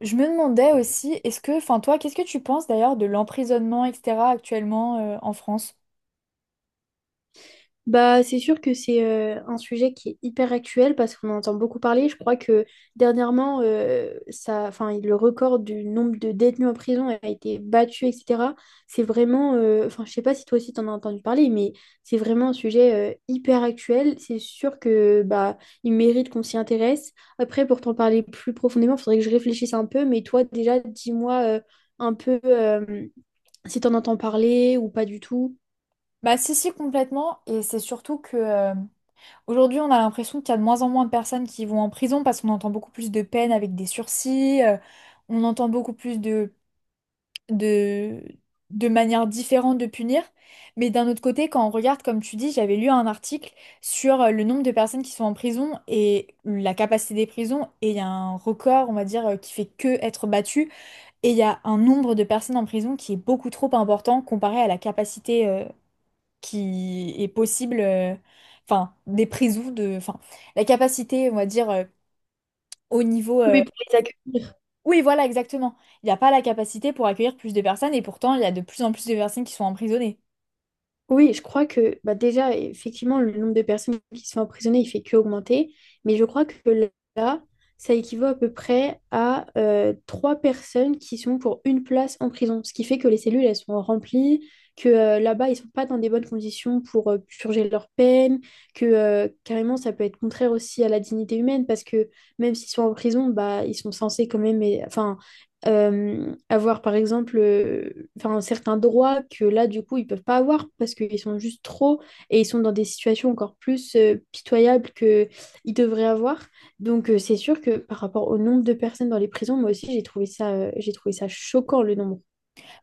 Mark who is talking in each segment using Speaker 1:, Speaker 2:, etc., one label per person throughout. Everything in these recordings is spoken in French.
Speaker 1: Je me demandais aussi, est-ce que, toi, qu'est-ce que tu penses d'ailleurs de l'emprisonnement, etc., actuellement en France?
Speaker 2: Bah, c'est sûr que c'est un sujet qui est hyper actuel parce qu'on en entend beaucoup parler. Je crois que dernièrement, le record du nombre de détenus en prison a été battu, etc. C'est vraiment, enfin, je sais pas si toi aussi t'en as entendu parler, mais c'est vraiment un sujet hyper actuel. C'est sûr que bah, il mérite qu'on s'y intéresse. Après, pour t'en parler plus profondément, il faudrait que je réfléchisse un peu. Mais toi, déjà, dis-moi un peu si t'en entends parler ou pas du tout.
Speaker 1: Bah si, si, complètement. Et c'est surtout que aujourd'hui, on a l'impression qu'il y a de moins en moins de personnes qui vont en prison parce qu'on entend beaucoup plus de peines avec des sursis, on entend beaucoup plus de, de manières différentes de punir. Mais d'un autre côté, quand on regarde, comme tu dis, j'avais lu un article sur le nombre de personnes qui sont en prison et la capacité des prisons, et il y a un record, on va dire, qui fait que être battu. Et il y a un nombre de personnes en prison qui est beaucoup trop important comparé à la capacité qui est possible, des prisons la capacité, on va dire, au niveau.
Speaker 2: Oui, pour les accueils.
Speaker 1: Oui, voilà, exactement. Il n'y a pas la capacité pour accueillir plus de personnes et pourtant, il y a de plus en plus de personnes qui sont emprisonnées.
Speaker 2: Oui, je crois que bah déjà, effectivement, le nombre de personnes qui se font emprisonner, il fait que augmenter. Mais je crois que là, ça équivaut à peu près à trois personnes qui sont pour une place en prison. Ce qui fait que les cellules, elles sont remplies, que là-bas, ils sont pas dans des bonnes conditions pour purger leur peine, que carrément, ça peut être contraire aussi à la dignité humaine, parce que même s'ils sont en prison, bah, ils sont censés quand même, enfin, avoir par exemple enfin, certains droits que là du coup ils peuvent pas avoir parce qu'ils sont juste trop et ils sont dans des situations encore plus pitoyables que ils devraient avoir. Donc c'est sûr que par rapport au nombre de personnes dans les prisons, moi aussi j'ai trouvé ça choquant le nombre.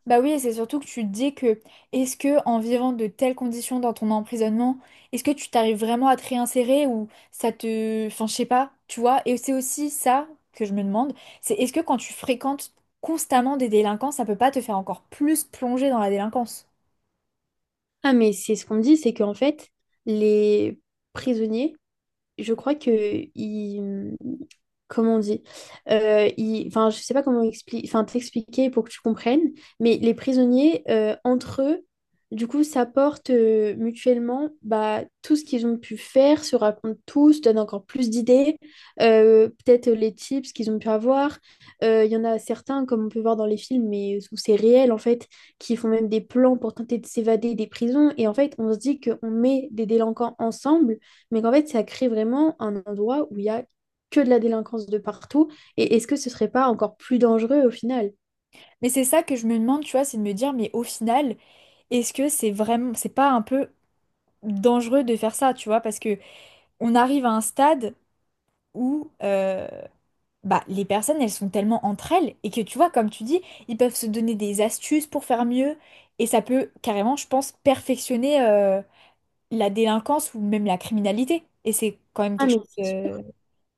Speaker 1: Bah oui, et c'est surtout que tu te dis que est-ce que en vivant de telles conditions dans ton emprisonnement, est-ce que tu t'arrives vraiment à te réinsérer ou ça te... Enfin, je sais pas, tu vois. Et c'est aussi ça que je me demande, c'est est-ce que quand tu fréquentes constamment des délinquants, ça peut pas te faire encore plus plonger dans la délinquance?
Speaker 2: Ah mais c'est ce qu'on me dit, c'est qu'en fait les prisonniers je crois que il comment on dit. Enfin je sais pas comment enfin t'expliquer pour que tu comprennes, mais les prisonniers entre eux du coup s'apportent mutuellement bah tout ce qu'ils ont pu faire, se racontent tous, donnent encore plus d'idées, peut-être les tips qu'ils ont pu avoir. Il y en a certains, comme on peut voir dans les films mais où c'est réel en fait, qui font même des plans pour tenter de s'évader des prisons, et en fait on se dit qu'on met des délinquants ensemble mais qu'en fait, ça crée vraiment un endroit où il y a que de la délinquance de partout. Et est-ce que ce serait pas encore plus dangereux au final?
Speaker 1: Mais c'est ça que je me demande, tu vois, c'est de me dire, mais au final, est-ce que c'est vraiment... C'est pas un peu dangereux de faire ça, tu vois, parce que on arrive à un stade où... Bah, les personnes, elles sont tellement entre elles et que tu vois, comme tu dis, ils peuvent se donner des astuces pour faire mieux et ça peut carrément, je pense, perfectionner la délinquance ou même la criminalité. Et c'est quand même
Speaker 2: Ah,
Speaker 1: quelque
Speaker 2: mais
Speaker 1: chose
Speaker 2: c'est sûr.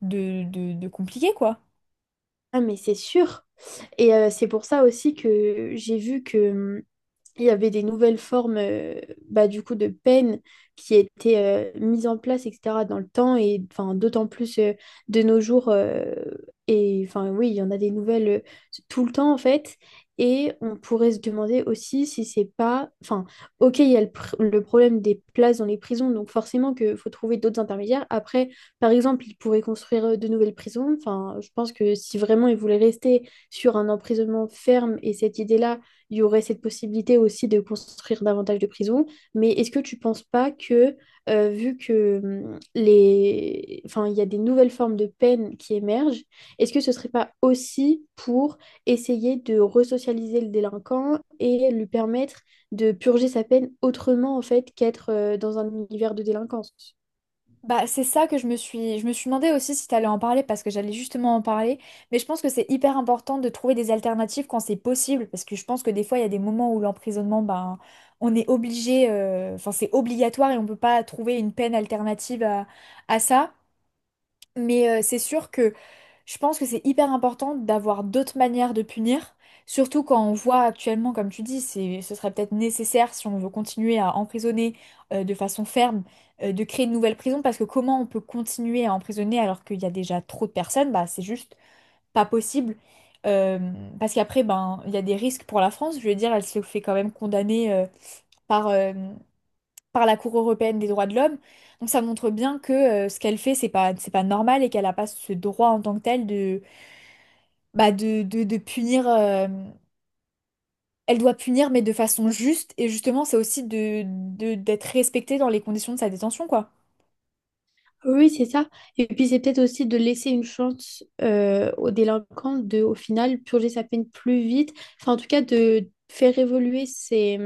Speaker 1: de compliqué, quoi.
Speaker 2: Ah, mais c'est sûr. Et c'est pour ça aussi que j'ai vu que il y avait des nouvelles formes, bah, du coup, de peine qui étaient mises en place, etc, dans le temps, et enfin d'autant plus de nos jours, et enfin oui il y en a des nouvelles tout le temps en fait. Et on pourrait se demander aussi si c'est pas, enfin, ok, il y a le problème des places dans les prisons, donc forcément que faut trouver d'autres intermédiaires. Après, par exemple, ils pourraient construire de nouvelles prisons. Enfin, je pense que si vraiment ils voulaient rester sur un emprisonnement ferme et cette idée-là, il y aurait cette possibilité aussi de construire davantage de prisons. Mais est-ce que tu ne penses pas que, vu que les... enfin, il y a des nouvelles formes de peine qui émergent, est-ce que ce ne serait pas aussi pour essayer de resocialiser le délinquant et lui permettre de purger sa peine autrement, en fait, qu'être dans un univers de délinquance?
Speaker 1: Bah, c'est ça que je me suis demandé aussi si t'allais en parler parce que j'allais justement en parler. Mais je pense que c'est hyper important de trouver des alternatives quand c'est possible parce que je pense que des fois il y a des moments où l'emprisonnement, ben, on est obligé, enfin c'est obligatoire et on peut pas trouver une peine alternative à ça. Mais c'est sûr que je pense que c'est hyper important d'avoir d'autres manières de punir, surtout quand on voit actuellement, comme tu dis, ce serait peut-être nécessaire si on veut continuer à emprisonner de façon ferme, de créer de nouvelles prisons, parce que comment on peut continuer à emprisonner alors qu'il y a déjà trop de personnes, bah c'est juste pas possible. Euh, Parce qu'après, ben, il y a des risques pour la France. Je veux dire, elle se fait quand même condamner euh, par, par la Cour européenne des droits de l'homme. Donc ça montre bien que ce qu'elle fait, c'est pas normal et qu'elle n'a pas ce droit en tant que tel bah, de punir. Elle doit punir, mais de façon juste. Et justement, c'est aussi d'être respectée dans les conditions de sa détention, quoi.
Speaker 2: Oui, c'est ça. Et puis c'est peut-être aussi de laisser une chance au délinquant de, au final, purger sa peine plus vite. Enfin, en tout cas, de faire évoluer ses,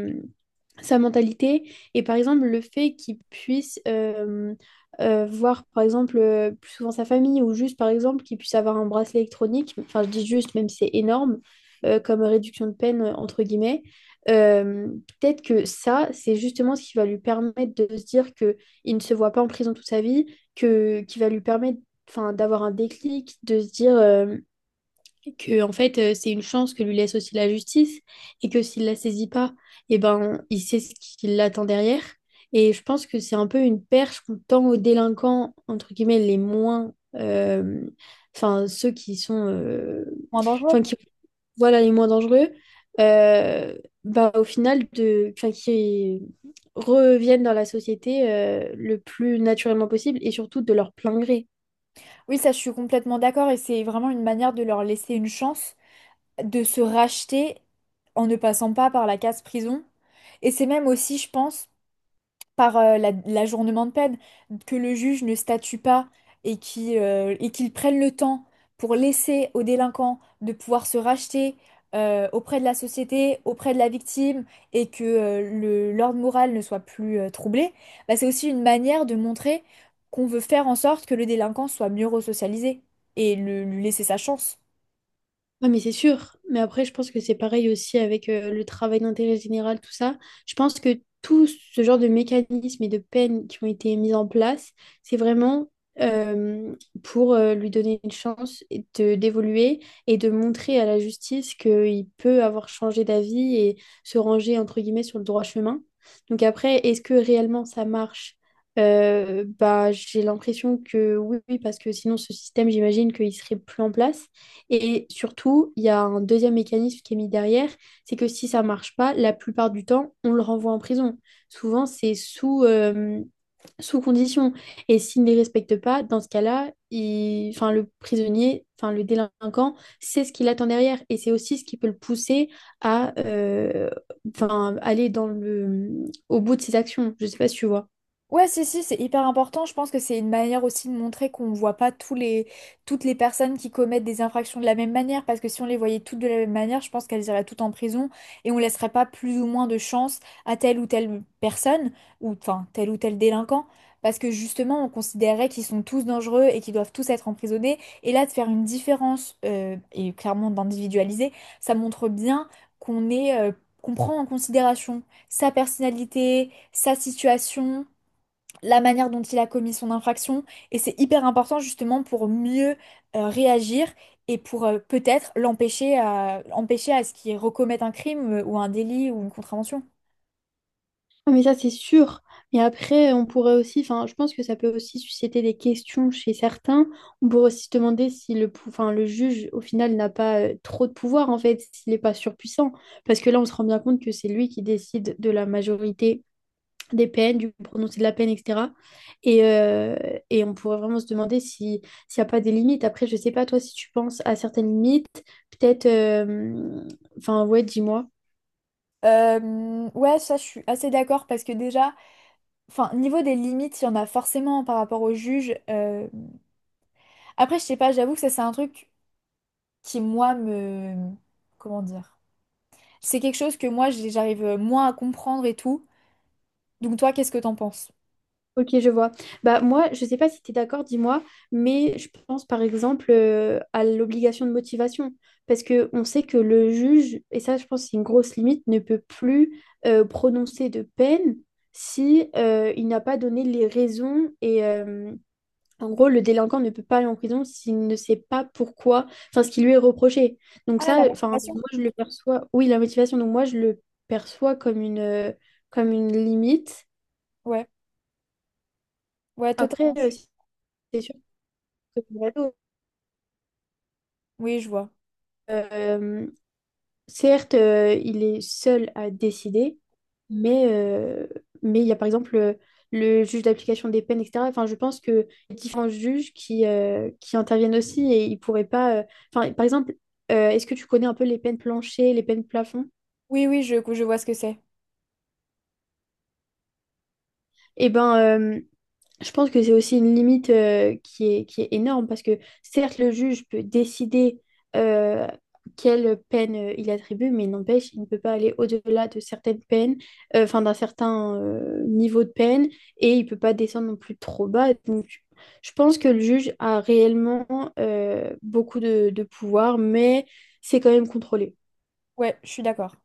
Speaker 2: sa mentalité, et par exemple le fait qu'il puisse voir par exemple plus souvent sa famille, ou juste par exemple qu'il puisse avoir un bracelet électronique. Enfin, je dis juste, même si c'est énorme comme réduction de peine, entre guillemets, euh, peut-être que ça c'est justement ce qui va lui permettre de se dire que il ne se voit pas en prison toute sa vie, que qui va lui permettre enfin d'avoir un déclic, de se dire que en fait c'est une chance que lui laisse aussi la justice, et que s'il la saisit pas, eh ben il sait ce qui l'attend derrière. Et je pense que c'est un peu une perche qu'on tend aux délinquants, entre guillemets, les moins enfin ceux qui sont,
Speaker 1: Moins dangereux.
Speaker 2: enfin qui, voilà, les moins dangereux, euh, bah au final de, enfin, qui reviennent dans la société le plus naturellement possible, et surtout de leur plein gré.
Speaker 1: Oui, ça, je suis complètement d'accord. Et c'est vraiment une manière de leur laisser une chance de se racheter en ne passant pas par la case prison. Et c'est même aussi, je pense, par l'ajournement de peine, que le juge ne statue pas et qui, et qu'il prenne le temps pour laisser au délinquant de pouvoir se racheter auprès de la société, auprès de la victime, et que l'ordre moral ne soit plus troublé, bah, c'est aussi une manière de montrer qu'on veut faire en sorte que le délinquant soit mieux resocialisé et lui laisser sa chance.
Speaker 2: Ah, mais c'est sûr. Mais après, je pense que c'est pareil aussi avec le travail d'intérêt général, tout ça. Je pense que tout ce genre de mécanismes et de peines qui ont été mis en place, c'est vraiment euh, pour lui donner une chance et d'évoluer, et de montrer à la justice qu'il peut avoir changé d'avis et se ranger, entre guillemets, sur le droit chemin. Donc après, est-ce que réellement ça marche? Bah, j'ai l'impression que oui, oui, parce que sinon ce système, j'imagine qu'il serait plus en place. Et surtout, il y a un deuxième mécanisme qui est mis derrière, c'est que si ça marche pas, la plupart du temps, on le renvoie en prison. Souvent, c'est sous condition. Et s'il ne les respecte pas, dans ce cas-là, il... enfin, le prisonnier, enfin, le délinquant, c'est ce qu'il attend derrière. Et c'est aussi ce qui peut le pousser à enfin, aller dans le... au bout de ses actions. Je ne sais pas si tu vois.
Speaker 1: Ouais, si, si, c'est hyper important. Je pense que c'est une manière aussi de montrer qu'on ne voit pas toutes les personnes qui commettent des infractions de la même manière. Parce que si on les voyait toutes de la même manière, je pense qu'elles iraient toutes en prison et on laisserait pas plus ou moins de chance à telle ou telle personne, ou enfin tel ou tel délinquant. Parce que justement, on considérait qu'ils sont tous dangereux et qu'ils doivent tous être emprisonnés. Et là, de faire une différence et clairement d'individualiser, ça montre bien qu'on est, qu'on prend en considération sa personnalité, sa situation la manière dont il a commis son infraction. Et c'est hyper important justement pour mieux réagir et pour peut-être empêcher à ce qu'il recommette un crime ou un délit ou une contravention.
Speaker 2: Ah, mais ça, c'est sûr. Et après, on pourrait aussi, enfin, je pense que ça peut aussi susciter des questions chez certains. On pourrait aussi se demander si le juge, au final, n'a pas trop de pouvoir, en fait, s'il n'est pas surpuissant. Parce que là, on se rend bien compte que c'est lui qui décide de la majorité des peines, du prononcé de la peine, etc. Et, euh, et on pourrait vraiment se demander si, s'il n'y a pas des limites. Après, je sais pas, toi, si tu penses à certaines limites, peut-être, enfin, ouais, dis-moi.
Speaker 1: Ouais, ça je suis assez d'accord parce que déjà, enfin, niveau des limites, il y en a forcément par rapport au juge. Après, je sais pas, j'avoue que ça c'est un truc qui moi me... Comment dire? C'est quelque chose que moi j'arrive moins à comprendre et tout. Donc toi, qu'est-ce que t'en penses?
Speaker 2: Ok, je vois. Bah, moi, je sais pas si tu es d'accord, dis-moi, mais je pense par exemple à l'obligation de motivation. Parce que on sait que le juge, et ça je pense que c'est une grosse limite, ne peut plus prononcer de peine si il n'a pas donné les raisons. Et en gros, le délinquant ne peut pas aller en prison s'il ne sait pas pourquoi, enfin ce qui lui est reproché. Donc
Speaker 1: Ah, la
Speaker 2: ça, enfin,
Speaker 1: motivation.
Speaker 2: moi je le perçois, oui, la motivation, donc moi je le perçois comme comme une, limite.
Speaker 1: Ouais, ouais,
Speaker 2: Après,
Speaker 1: totalement.
Speaker 2: si c'est Colorado,
Speaker 1: Oui, je vois.
Speaker 2: euh, certes, il est seul à décider, mais euh, mais il y a par exemple le juge d'application des peines, etc. Enfin, je pense que il y a différents juges qui interviennent aussi, et ils pourraient pas. Enfin, par exemple, est-ce que tu connais un peu les peines planchers, les peines plafond?
Speaker 1: Oui, oui, je vois ce que c'est.
Speaker 2: Eh ben, je pense que c'est aussi une limite qui est énorme, parce que certes, le juge peut décider euh, quelle peine il attribue, mais n'empêche, il ne peut pas aller au-delà de certaines peines, enfin d'un certain niveau de peine, et il ne peut pas descendre non plus trop bas. Donc, je pense que le juge a réellement beaucoup de pouvoir, mais c'est quand même contrôlé.
Speaker 1: Ouais, je suis d'accord.